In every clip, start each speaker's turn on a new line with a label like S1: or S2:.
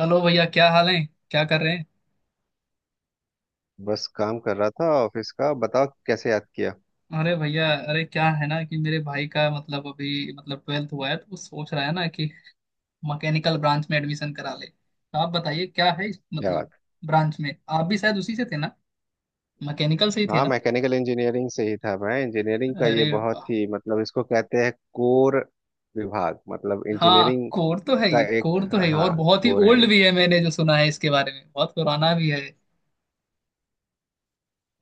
S1: Hello भैया क्या हाल है। क्या कर रहे हैं।
S2: बस काम कर रहा था ऑफिस का। बताओ कैसे याद किया।
S1: अरे भैया अरे क्या है ना कि मेरे भाई का मतलब अभी मतलब ट्वेल्थ हुआ है तो वो सोच रहा है ना कि मैकेनिकल ब्रांच में एडमिशन करा ले तो आप बताइए क्या है इस
S2: क्या बात।
S1: मतलब ब्रांच में। आप भी शायद उसी से थे ना। मैकेनिकल से ही थे
S2: हाँ
S1: ना।
S2: मैकेनिकल इंजीनियरिंग से ही था मैं। इंजीनियरिंग का ये
S1: अरे
S2: बहुत
S1: वाह।
S2: ही मतलब इसको कहते हैं कोर विभाग। मतलब
S1: हाँ,
S2: इंजीनियरिंग
S1: कोर तो है
S2: का
S1: ही,
S2: एक,
S1: कोर तो है ही और
S2: हाँ
S1: बहुत ही
S2: कोर है
S1: ओल्ड
S2: ये।
S1: भी है, मैंने जो सुना है इसके बारे में बहुत पुराना भी है।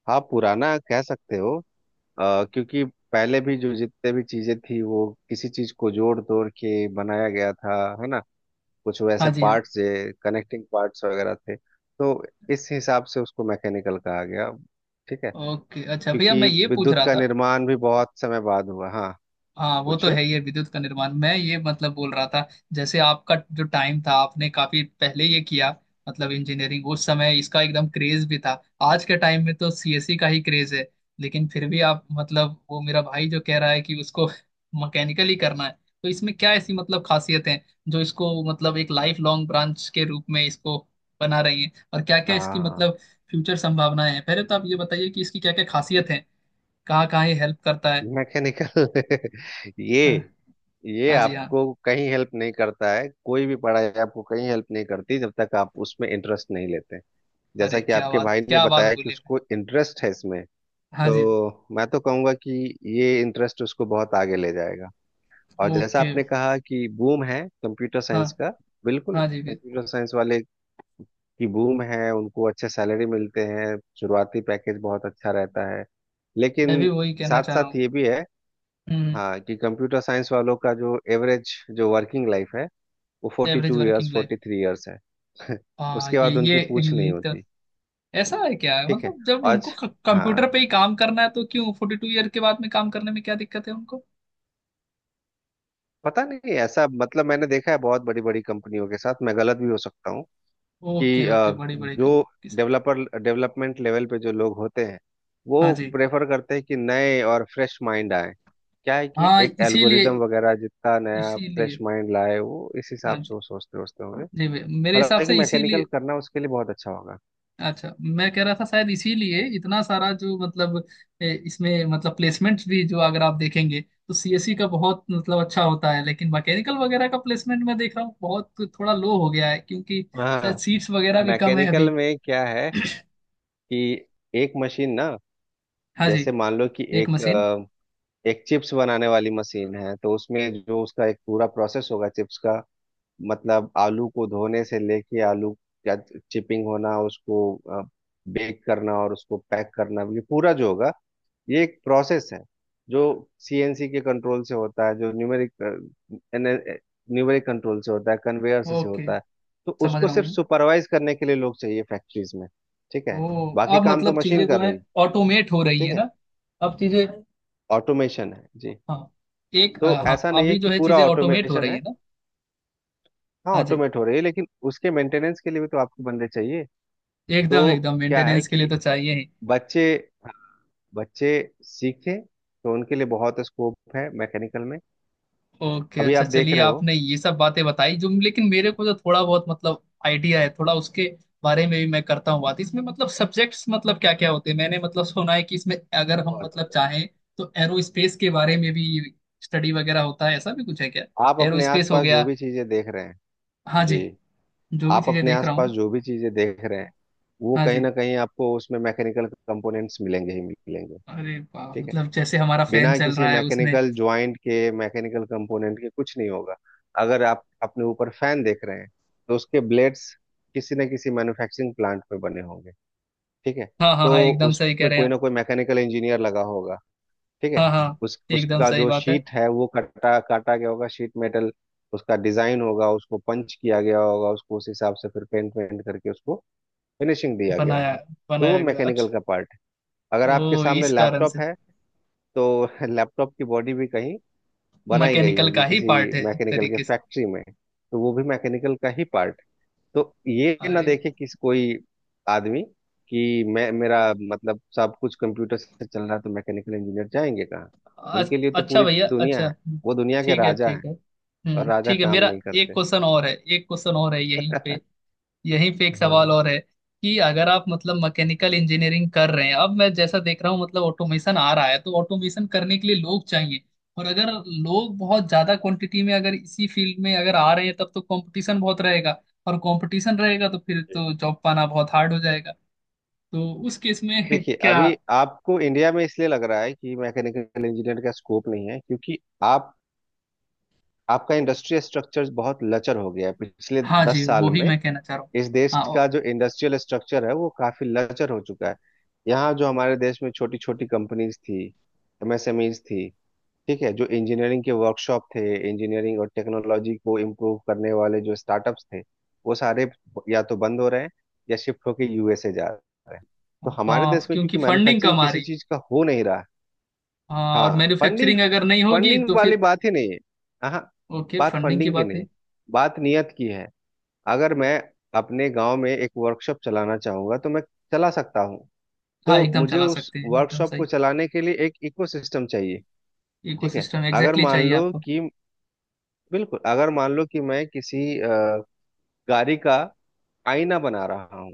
S2: हाँ पुराना कह सकते हो। क्योंकि पहले भी जो जितने भी चीजें थी वो किसी चीज को जोड़ तोड़ के बनाया गया था। है ना, कुछ
S1: हाँ
S2: वैसे
S1: जी हाँ।
S2: पार्ट्स, कनेक्टिंग पार्ट्स वगैरह थे। तो इस हिसाब से उसको मैकेनिकल कहा गया। ठीक है,
S1: ओके अच्छा भैया
S2: क्योंकि
S1: मैं ये पूछ
S2: विद्युत
S1: रहा
S2: का
S1: था।
S2: निर्माण भी बहुत समय बाद हुआ। हाँ
S1: हाँ वो तो
S2: पूछिए।
S1: है ही है, विद्युत का निर्माण मैं ये मतलब बोल रहा था। जैसे आपका जो टाइम था आपने काफी पहले ये किया, मतलब इंजीनियरिंग उस समय इसका एकदम क्रेज भी था। आज के टाइम में तो सीएससी का ही क्रेज है। लेकिन फिर भी आप मतलब वो मेरा भाई जो कह रहा है कि उसको मैकेनिकल ही करना है। तो इसमें क्या ऐसी मतलब खासियत है जो इसको मतलब एक लाइफ लॉन्ग ब्रांच के रूप में इसको बना रही है, और क्या क्या इसकी
S2: हाँ
S1: मतलब फ्यूचर संभावनाएं हैं। पहले तो आप ये बताइए कि इसकी क्या क्या खासियत है, कहाँ कहाँ ये हेल्प करता है।
S2: मैकेनिकल ये
S1: हाँ।
S2: ये
S1: हाँ जी हाँ।
S2: आपको कहीं हेल्प नहीं करता है। कोई भी पढ़ाई आपको कहीं हेल्प नहीं करती जब तक आप उसमें इंटरेस्ट नहीं लेते। जैसा
S1: अरे
S2: कि आपके भाई ने
S1: क्या बात
S2: बताया कि
S1: बोली भाई।
S2: उसको इंटरेस्ट है इसमें।
S1: हाँ जी।
S2: तो मैं तो कहूंगा कि ये इंटरेस्ट उसको बहुत आगे ले जाएगा। और जैसा
S1: ओके।
S2: आपने कहा कि बूम है कंप्यूटर
S1: हाँ।
S2: साइंस का। बिल्कुल,
S1: हाँ जी भी।
S2: कंप्यूटर साइंस वाले की बूम है, उनको अच्छे सैलरी मिलते हैं। शुरुआती पैकेज बहुत अच्छा रहता है।
S1: मैं
S2: लेकिन
S1: भी वही कहना
S2: साथ
S1: चाह रहा
S2: साथ
S1: हूँ।
S2: ये भी है,
S1: हम्म।
S2: हाँ, कि कंप्यूटर साइंस वालों का जो एवरेज जो वर्किंग लाइफ है वो forty
S1: average
S2: two years
S1: working life.
S2: 43 years है।
S1: हाँ
S2: उसके
S1: ये
S2: बाद
S1: ये
S2: उनकी पूछ
S1: ये
S2: नहीं
S1: एक तो
S2: होती।
S1: ऐसा है, क्या है
S2: ठीक है।
S1: मतलब जब उनको
S2: आज,
S1: कंप्यूटर
S2: हाँ,
S1: पे ही काम करना है तो क्यों 40 ईयर के बाद में काम करने में क्या दिक्कत है उनको।
S2: पता नहीं, ऐसा मतलब मैंने देखा है बहुत बड़ी बड़ी कंपनियों के साथ, मैं गलत भी हो सकता हूँ
S1: ओके
S2: कि
S1: ओके बड़ी बड़ी
S2: जो
S1: कंपनी के साथ।
S2: डेवलपर डेवलपमेंट लेवल पे जो लोग होते हैं
S1: हाँ
S2: वो
S1: जी
S2: प्रेफर करते हैं कि नए और फ्रेश माइंड आए। क्या है कि
S1: हाँ।
S2: एक
S1: इसीलिए
S2: एल्गोरिदम वगैरह जितना नया
S1: इसीलिए
S2: फ्रेश माइंड लाए वो इस
S1: हाँ
S2: हिसाब से
S1: जी
S2: वो सोचते सोचते होंगे।
S1: जी भैया मेरे हिसाब
S2: हालांकि
S1: से
S2: मैकेनिकल
S1: इसीलिए।
S2: करना उसके लिए बहुत अच्छा होगा।
S1: अच्छा मैं कह रहा था शायद इसीलिए इतना सारा जो मतलब इसमें मतलब प्लेसमेंट भी जो अगर आप देखेंगे तो सीएससी का बहुत मतलब अच्छा होता है, लेकिन मैकेनिकल वगैरह का प्लेसमेंट मैं देख रहा हूँ बहुत थोड़ा लो हो गया है क्योंकि शायद
S2: हाँ
S1: सीट्स वगैरह भी कम है
S2: मैकेनिकल
S1: अभी।
S2: में क्या है कि एक मशीन ना,
S1: हाँ
S2: जैसे
S1: जी।
S2: मान लो कि
S1: एक
S2: एक
S1: मशीन।
S2: एक चिप्स बनाने वाली मशीन है, तो उसमें जो उसका एक पूरा प्रोसेस होगा चिप्स का, मतलब आलू को धोने से लेके आलू का चिपिंग होना, उसको बेक करना और उसको पैक करना, ये पूरा जो होगा ये एक प्रोसेस है, जो सीएनसी के कंट्रोल से होता है, जो न्यूमेरिक न्यूमेरिक कंट्रोल से होता है, कन्वेयर से
S1: ओके।
S2: होता है। तो
S1: समझ
S2: उसको
S1: रहा
S2: सिर्फ
S1: हूँ।
S2: सुपरवाइज करने के लिए लोग चाहिए फैक्ट्रीज में। ठीक है,
S1: ओ।
S2: बाकी
S1: अब
S2: काम तो
S1: मतलब चीजें
S2: मशीन
S1: जो
S2: कर
S1: है
S2: रही है।
S1: ऑटोमेट हो रही
S2: ठीक
S1: है
S2: है,
S1: ना। अब चीजें।
S2: ऑटोमेशन है जी।
S1: हाँ एक
S2: तो
S1: हाँ
S2: ऐसा नहीं है
S1: अभी जो
S2: कि
S1: है
S2: पूरा
S1: चीजें ऑटोमेट हो
S2: ऑटोमेशन
S1: रही
S2: है।
S1: है ना।
S2: हाँ
S1: हाँ जी।
S2: ऑटोमेट हो रही है, लेकिन उसके मेंटेनेंस के लिए भी तो आपको बंदे चाहिए।
S1: एकदम
S2: तो
S1: एकदम
S2: क्या है
S1: मेंटेनेंस के लिए
S2: कि
S1: तो चाहिए ही।
S2: बच्चे बच्चे सीखें तो उनके लिए बहुत स्कोप है मैकेनिकल में।
S1: ओके
S2: अभी
S1: अच्छा
S2: आप देख
S1: चलिए
S2: रहे हो,
S1: आपने ये सब बातें बताई जो, लेकिन मेरे को तो थोड़ा बहुत मतलब आइडिया है थोड़ा उसके बारे में भी मैं करता हूँ बात, इसमें मतलब सब्जेक्ट्स मतलब क्या क्या होते हैं। मैंने मतलब सुना है कि इसमें अगर हम
S2: बहुत
S1: मतलब
S2: होता है।
S1: चाहें तो एरोस्पेस के बारे में भी स्टडी वगैरह होता है, ऐसा भी कुछ है क्या।
S2: आप अपने
S1: एरोस्पेस हो
S2: आसपास
S1: गया।
S2: जो भी चीजें देख रहे हैं।
S1: हाँ
S2: जी,
S1: जी। जो भी
S2: आप
S1: चीजें
S2: अपने
S1: देख रहा
S2: आसपास
S1: हूँ।
S2: जो भी चीजें देख रहे हैं वो
S1: हाँ
S2: कहीं
S1: जी।
S2: ना कहीं आपको उसमें मैकेनिकल कंपोनेंट्स मिलेंगे ही मिलेंगे।
S1: अरे वाह
S2: ठीक है,
S1: मतलब जैसे हमारा फैन
S2: बिना
S1: चल
S2: किसी
S1: रहा है उसमें।
S2: मैकेनिकल ज्वाइंट के, मैकेनिकल कंपोनेंट के कुछ नहीं होगा। अगर आप अपने ऊपर फैन देख रहे हैं, तो उसके ब्लेड्स किसी न किसी मैन्युफैक्चरिंग प्लांट में बने होंगे। ठीक है,
S1: हाँ हाँ हाँ
S2: तो
S1: एकदम सही कह
S2: उसमें
S1: रहे हैं
S2: कोई
S1: आप।
S2: ना कोई मैकेनिकल इंजीनियर लगा होगा। ठीक है,
S1: हाँ हाँ
S2: उस
S1: एकदम
S2: उसका
S1: सही
S2: जो
S1: बात है।
S2: शीट है वो कटा काटा गया होगा, शीट मेटल, उसका डिजाइन होगा, उसको पंच किया गया होगा, उसको उस हिसाब से फिर पेंट वेंट करके उसको फिनिशिंग दिया गया
S1: बनाया,
S2: होगा। तो वो
S1: बनाया गया
S2: मैकेनिकल
S1: अच्छा।
S2: का पार्ट है। अगर आपके
S1: ओ
S2: सामने
S1: इस कारण से
S2: लैपटॉप है तो लैपटॉप की बॉडी भी कहीं बनाई गई
S1: मैकेनिकल
S2: होगी
S1: का ही
S2: किसी
S1: पार्ट है एक
S2: मैकेनिकल के
S1: तरीके से।
S2: फैक्ट्री में। तो वो भी मैकेनिकल का ही पार्ट। तो ये ना
S1: अरे
S2: देखे किसी कोई आदमी कि मैं, मेरा मतलब, सब कुछ कंप्यूटर से चल रहा है तो मैकेनिकल इंजीनियर जाएंगे कहाँ।
S1: अ-
S2: उनके लिए तो
S1: अच्छा
S2: पूरी
S1: भैया
S2: दुनिया
S1: अच्छा
S2: है। वो दुनिया के
S1: ठीक है
S2: राजा हैं,
S1: ठीक है
S2: और राजा
S1: ठीक है
S2: काम
S1: मेरा
S2: नहीं
S1: एक
S2: करते।
S1: क्वेश्चन और है। एक क्वेश्चन और है यहीं पे। यहीं पे एक सवाल
S2: हाँ
S1: और है कि अगर आप मतलब मैकेनिकल इंजीनियरिंग कर रहे हैं, अब मैं जैसा देख रहा हूँ मतलब ऑटोमेशन आ रहा है तो ऑटोमेशन करने के लिए लोग चाहिए। और अगर लोग बहुत ज्यादा क्वांटिटी में अगर इसी फील्ड में अगर आ रहे हैं तब तो कंपटीशन बहुत रहेगा। और कंपटीशन रहेगा तो फिर
S2: जी।
S1: तो जॉब पाना बहुत हार्ड हो जाएगा। तो उस केस में
S2: देखिए
S1: क्या।
S2: अभी आपको इंडिया में इसलिए लग रहा है कि मैकेनिकल इंजीनियर का स्कोप नहीं है क्योंकि आप आपका इंडस्ट्री स्ट्रक्चर बहुत लचर हो गया है पिछले
S1: हाँ जी
S2: 10 साल
S1: वो ही
S2: में।
S1: मैं कहना चाह रहा हूँ।
S2: इस देश
S1: हाँ
S2: का जो इंडस्ट्रियल स्ट्रक्चर है वो काफी लचर हो चुका है। यहाँ जो हमारे देश में छोटी छोटी कंपनीज थी, एमएसएमईज थी, ठीक है, जो इंजीनियरिंग के वर्कशॉप थे, इंजीनियरिंग और टेक्नोलॉजी को इम्प्रूव करने वाले जो स्टार्टअप्स थे, वो सारे या तो बंद हो रहे हैं या शिफ्ट होके यूएसए जा रहे हैं। तो हमारे देश
S1: हाँ,
S2: में क्योंकि
S1: क्योंकि फंडिंग
S2: मैन्युफैक्चरिंग
S1: कम आ
S2: किसी
S1: रही है।
S2: चीज का हो नहीं रहा है।
S1: हाँ
S2: हाँ,
S1: और
S2: फंडिंग
S1: मैन्युफैक्चरिंग अगर नहीं होगी
S2: फंडिंग
S1: तो
S2: वाली
S1: फिर
S2: बात ही नहीं है। हाँ,
S1: ओके
S2: बात
S1: फंडिंग की
S2: फंडिंग की
S1: बात नहीं।
S2: नहीं, बात नियत की है। अगर मैं अपने गांव में एक वर्कशॉप चलाना चाहूंगा तो मैं चला सकता हूँ।
S1: हाँ
S2: तो
S1: एकदम
S2: मुझे
S1: चला
S2: उस
S1: सकते हैं एकदम
S2: वर्कशॉप
S1: सही।
S2: को चलाने के लिए एक इकोसिस्टम चाहिए। ठीक है,
S1: इकोसिस्टम
S2: अगर
S1: एग्जैक्टली
S2: मान
S1: चाहिए
S2: लो
S1: आपको।
S2: कि, बिल्कुल, अगर मान लो कि मैं किसी गाड़ी का आईना बना रहा हूँ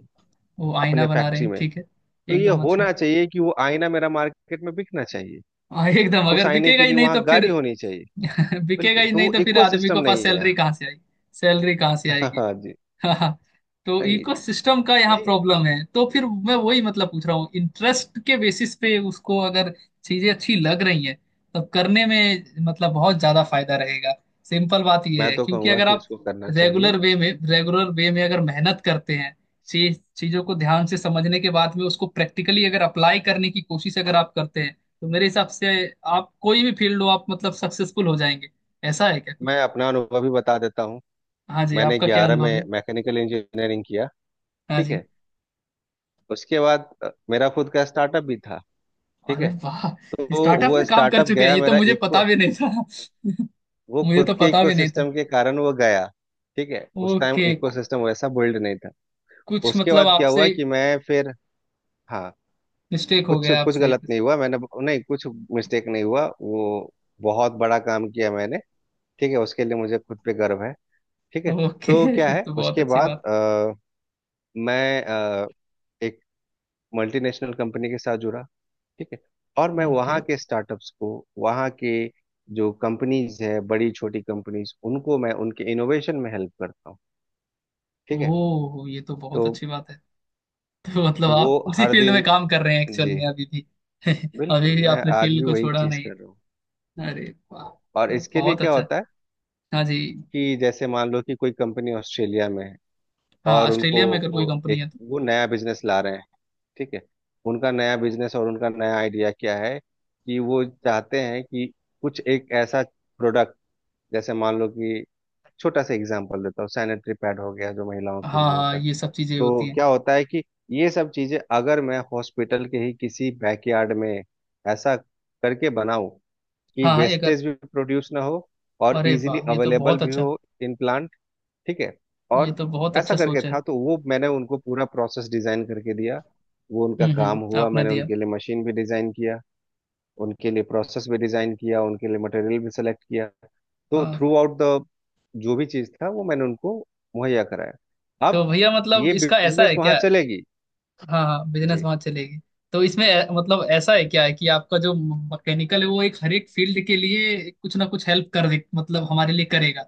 S1: वो आईना
S2: अपने
S1: बना रहे
S2: फैक्ट्री
S1: हैं
S2: में।
S1: ठीक है।
S2: तो ये
S1: एकदम अच्छा।
S2: होना चाहिए कि वो आईना मेरा मार्केट में बिकना चाहिए।
S1: हाँ एकदम
S2: उस
S1: अगर
S2: आईने
S1: बिकेगा
S2: के
S1: ही
S2: लिए
S1: नहीं
S2: वहां
S1: तो फिर
S2: गाड़ी होनी चाहिए।
S1: बिकेगा
S2: बिल्कुल,
S1: ही
S2: तो
S1: नहीं
S2: वो
S1: तो फिर आदमी
S2: इकोसिस्टम
S1: को पास
S2: नहीं है
S1: सैलरी
S2: यहाँ।
S1: कहाँ से आएगी। सैलरी कहाँ से आएगी।
S2: हाँ जी,
S1: हाँ। तो
S2: सही,
S1: इकोसिस्टम का यहाँ
S2: यही है।
S1: प्रॉब्लम है तो फिर मैं वही मतलब पूछ रहा हूँ, इंटरेस्ट के बेसिस पे उसको अगर चीजें अच्छी लग रही हैं तब करने में मतलब बहुत ज्यादा फायदा रहेगा। सिंपल बात ये
S2: मैं
S1: है
S2: तो
S1: क्योंकि
S2: कहूंगा
S1: अगर
S2: कि
S1: आप
S2: उसको करना
S1: रेगुलर
S2: चाहिए।
S1: वे में रेगुलर वे में अगर मेहनत करते हैं, चीजों को ध्यान से समझने के बाद में उसको प्रैक्टिकली अगर अप्लाई करने की कोशिश अगर आप करते हैं तो मेरे हिसाब से आप कोई भी फील्ड हो आप मतलब सक्सेसफुल हो जाएंगे। ऐसा है क्या कुछ।
S2: मैं अपना अनुभव भी बता देता हूँ।
S1: हाँ जी
S2: मैंने
S1: आपका क्या
S2: 11
S1: अनुभव
S2: में
S1: है।
S2: मैकेनिकल इंजीनियरिंग किया।
S1: हाँ
S2: ठीक
S1: जी।
S2: है, उसके बाद मेरा खुद का स्टार्टअप भी था। ठीक
S1: अरे
S2: है,
S1: वाह।
S2: तो
S1: स्टार्टअप
S2: वो
S1: में काम कर
S2: स्टार्टअप
S1: चुके हैं
S2: गया
S1: ये तो
S2: मेरा,
S1: मुझे
S2: इको,
S1: पता भी नहीं था
S2: वो
S1: मुझे
S2: खुद
S1: तो
S2: के
S1: पता भी नहीं था।
S2: इकोसिस्टम के कारण वो गया। ठीक है, उस टाइम
S1: ओके
S2: इकोसिस्टम वैसा बिल्ड नहीं था।
S1: कुछ
S2: उसके
S1: मतलब
S2: बाद क्या हुआ
S1: आपसे
S2: कि मैं फिर, हाँ,
S1: मिस्टेक हो
S2: कुछ
S1: गया
S2: कुछ
S1: आपसे।
S2: गलत नहीं हुआ मैंने, नहीं कुछ मिस्टेक नहीं हुआ, वो बहुत बड़ा काम किया मैंने। ठीक है, उसके लिए मुझे खुद पे गर्व है। ठीक है,
S1: ओके
S2: तो क्या
S1: फिर
S2: है
S1: तो बहुत
S2: उसके
S1: अच्छी
S2: बाद
S1: बात
S2: मैं एक मल्टीनेशनल कंपनी के साथ जुड़ा। ठीक है, और
S1: है।
S2: मैं
S1: ओके।
S2: वहाँ के स्टार्टअप्स को, वहाँ के जो कंपनीज है, बड़ी छोटी कंपनीज, उनको मैं उनके इनोवेशन में हेल्प करता हूँ। ठीक है,
S1: ओह ये तो
S2: तो
S1: बहुत अच्छी बात है। तो मतलब
S2: वो
S1: आप उसी
S2: हर
S1: फील्ड में
S2: दिन,
S1: काम कर रहे हैं एक्चुअल
S2: जी,
S1: में अभी भी। अभी
S2: बिल्कुल,
S1: भी
S2: मैं
S1: आपने
S2: आज
S1: फील्ड
S2: भी
S1: को
S2: वही
S1: छोड़ा
S2: चीज़
S1: नहीं
S2: कर रहा हूँ।
S1: है। अरे वाह।
S2: और
S1: तो
S2: इसके लिए
S1: बहुत
S2: क्या
S1: अच्छा है।
S2: होता है
S1: हाँ जी।
S2: कि जैसे मान लो कि कोई कंपनी ऑस्ट्रेलिया में है,
S1: हाँ
S2: और उनको
S1: ऑस्ट्रेलिया में अगर कोई कंपनी
S2: एक,
S1: है तो
S2: वो नया बिजनेस ला रहे हैं। ठीक है, उनका नया बिजनेस और उनका नया आइडिया क्या है कि वो चाहते हैं कि कुछ एक ऐसा प्रोडक्ट, जैसे मान लो कि, छोटा सा एग्जांपल देता हूँ, सैनिटरी पैड हो गया जो महिलाओं
S1: हाँ
S2: के लिए
S1: हाँ
S2: होता है।
S1: ये सब चीजें
S2: तो
S1: होती हैं।
S2: क्या होता है कि ये सब चीजें अगर मैं हॉस्पिटल के ही किसी बैकयार्ड में ऐसा करके बनाऊं कि
S1: हाँ हाँ एक
S2: वेस्टेज भी प्रोड्यूस ना हो और
S1: अरे
S2: इजीली
S1: वाह ये तो
S2: अवेलेबल
S1: बहुत
S2: भी
S1: अच्छा।
S2: हो, इन प्लांट। ठीक है,
S1: ये
S2: और
S1: तो बहुत
S2: ऐसा
S1: अच्छा
S2: करके
S1: सोच है।
S2: था तो वो मैंने उनको पूरा प्रोसेस डिजाइन करके दिया। वो उनका काम हुआ,
S1: आपने
S2: मैंने
S1: दिया।
S2: उनके लिए मशीन भी डिजाइन किया, उनके लिए प्रोसेस भी डिजाइन किया, उनके लिए मटेरियल भी सेलेक्ट किया। तो
S1: हाँ।
S2: थ्रू आउट द, जो भी चीज था वो मैंने उनको मुहैया कराया।
S1: तो
S2: अब
S1: भैया मतलब
S2: ये
S1: इसका ऐसा
S2: बिजनेस
S1: है
S2: वहां
S1: क्या।
S2: चलेगी।
S1: हाँ हाँ बिजनेस
S2: जी,
S1: वहां चलेगी। तो इसमें मतलब ऐसा है क्या है कि आपका जो मैकेनिकल है वो एक हर एक फील्ड के लिए कुछ ना कुछ हेल्प कर दे मतलब हमारे लिए करेगा।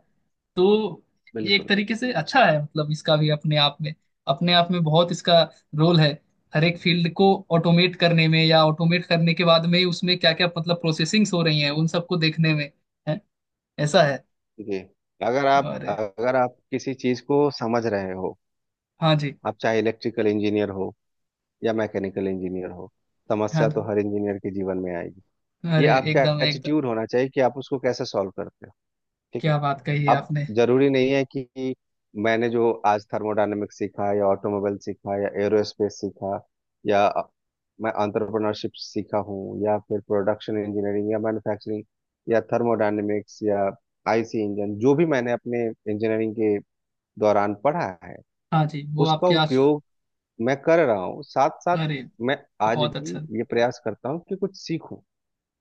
S1: तो ये एक
S2: बिल्कुल
S1: तरीके से अच्छा है मतलब इसका भी अपने आप में बहुत इसका रोल है। हर एक फील्ड को ऑटोमेट करने में या ऑटोमेट करने के बाद में उसमें क्या क्या मतलब प्रोसेसिंग्स हो रही हैं उन सबको देखने में है, ऐसा है।
S2: जी, अगर आप
S1: और
S2: अगर आप किसी चीज को समझ रहे हो,
S1: हाँ जी।
S2: आप चाहे इलेक्ट्रिकल इंजीनियर हो या मैकेनिकल इंजीनियर हो,
S1: हाँ
S2: समस्या तो
S1: जी
S2: हर इंजीनियर के जीवन में आएगी। ये
S1: अरे
S2: आपका
S1: एकदम एकदम।
S2: एटीट्यूड होना चाहिए कि आप उसको कैसे सॉल्व करते हो। ठीक है,
S1: क्या बात कही है
S2: अब
S1: आपने।
S2: जरूरी नहीं है कि मैंने जो आज थर्मोडायनेमिक्स सीखा या ऑटोमोबाइल सीखा या एरोस्पेस सीखा या मैं अंतरप्रेन्योरशिप सीखा हूँ या फिर प्रोडक्शन इंजीनियरिंग या मैन्युफैक्चरिंग या थर्मोडायनेमिक्स या आईसी इंजन, जो भी मैंने अपने इंजीनियरिंग के दौरान पढ़ा है,
S1: हाँ जी वो
S2: उसका
S1: आपके आज
S2: उपयोग मैं कर रहा हूँ। साथ साथ
S1: अरे
S2: मैं आज
S1: बहुत
S2: भी
S1: अच्छा।
S2: ये प्रयास करता हूँ कि कुछ सीखूं।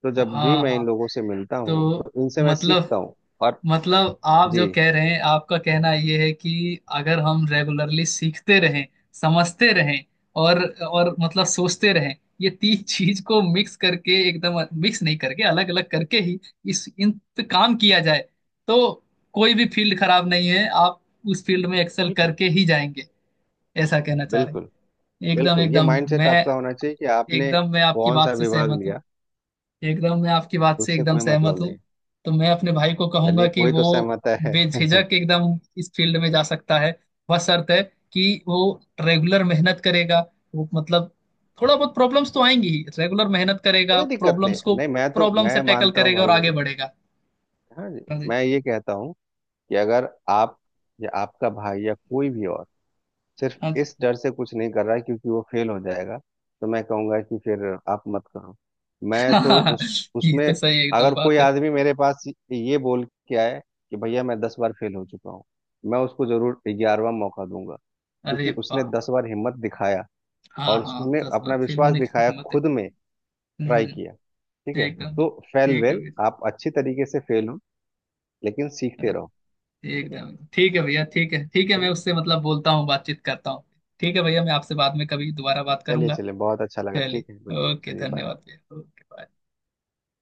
S2: तो जब भी
S1: हाँ
S2: मैं
S1: हाँ
S2: इन लोगों से मिलता हूँ
S1: तो
S2: तो इनसे मैं
S1: मतलब
S2: सीखता हूँ। और
S1: आप जो
S2: जी,
S1: कह रहे हैं आपका कहना ये है कि अगर हम रेगुलरली सीखते रहें, समझते रहें और मतलब सोचते रहें, ये तीन चीज को मिक्स करके, एकदम मिक्स नहीं करके अलग अलग करके ही इस इन पे काम किया जाए तो कोई भी फील्ड खराब नहीं है, आप उस फील्ड में एक्सेल
S2: बिल्कुल,
S1: करके ही जाएंगे, ऐसा कहना चाह रहे
S2: बिल्कुल,
S1: हैं। एकदम
S2: बिल्कुल ये माइंडसेट
S1: मैं
S2: आपका होना चाहिए कि आपने
S1: एकदम मैं आपकी
S2: कौन सा
S1: बात से
S2: विभाग
S1: सहमत हूँ।
S2: लिया
S1: एकदम मैं आपकी बात से
S2: उससे
S1: एकदम
S2: कोई
S1: सहमत
S2: मतलब
S1: हूँ।
S2: नहीं।
S1: तो मैं अपने भाई को कहूंगा
S2: चलिए,
S1: कि
S2: कोई
S1: वो
S2: तो सहमत है।
S1: बेझिझक एकदम इस फील्ड में जा सकता है, बशर्ते है कि वो रेगुलर मेहनत करेगा। वो मतलब थोड़ा बहुत प्रॉब्लम्स तो आएंगी ही, रेगुलर मेहनत करेगा,
S2: कोई दिक्कत
S1: प्रॉब्लम्स
S2: नहीं,
S1: को
S2: नहीं, मैं तो
S1: प्रॉब्लम
S2: मैं
S1: से टैकल
S2: मानता हूँ
S1: करेगा
S2: भाई
S1: और आगे
S2: मेरे।
S1: बढ़ेगा।
S2: हाँ जी,
S1: हाँ जी।
S2: मैं ये कहता हूँ कि अगर आप या आपका भाई या कोई भी और सिर्फ
S1: हाँ जी।
S2: इस डर से कुछ नहीं कर रहा है क्योंकि वो फेल हो जाएगा, तो मैं कहूँगा कि फिर आप मत करो। मैं तो उस
S1: ये
S2: उसमें
S1: तो सही एकदम
S2: अगर कोई
S1: बात है।
S2: आदमी मेरे पास ये बोल के आए कि भैया मैं 10 बार फेल हो चुका हूँ, मैं उसको जरूर 11वां मौका दूंगा,
S1: अरे
S2: क्योंकि
S1: वाह
S2: उसने दस
S1: वाह।
S2: बार हिम्मत दिखाया
S1: हाँ
S2: और
S1: हाँ
S2: उसने
S1: 10 बार
S2: अपना
S1: फेल
S2: विश्वास
S1: होने की
S2: दिखाया
S1: हिम्मत है।
S2: खुद में, ट्राई किया।
S1: हम्म
S2: ठीक है,
S1: एकदम
S2: तो फेल
S1: ठीक है
S2: वेल
S1: भाई।
S2: आप अच्छी तरीके से फेल हो, लेकिन सीखते रहो। ठीक है,
S1: एकदम ठीक है भैया ठीक है मैं
S2: चलिए
S1: उससे मतलब बोलता हूँ बातचीत करता हूँ। ठीक है भैया मैं आपसे बाद में कभी दोबारा बात
S2: चलिए
S1: करूंगा।
S2: चलिए, बहुत अच्छा लगा।
S1: चलिए
S2: ठीक है, बिल्कुल,
S1: ओके
S2: चलिए, बाय।
S1: धन्यवाद भैया ओके बाय।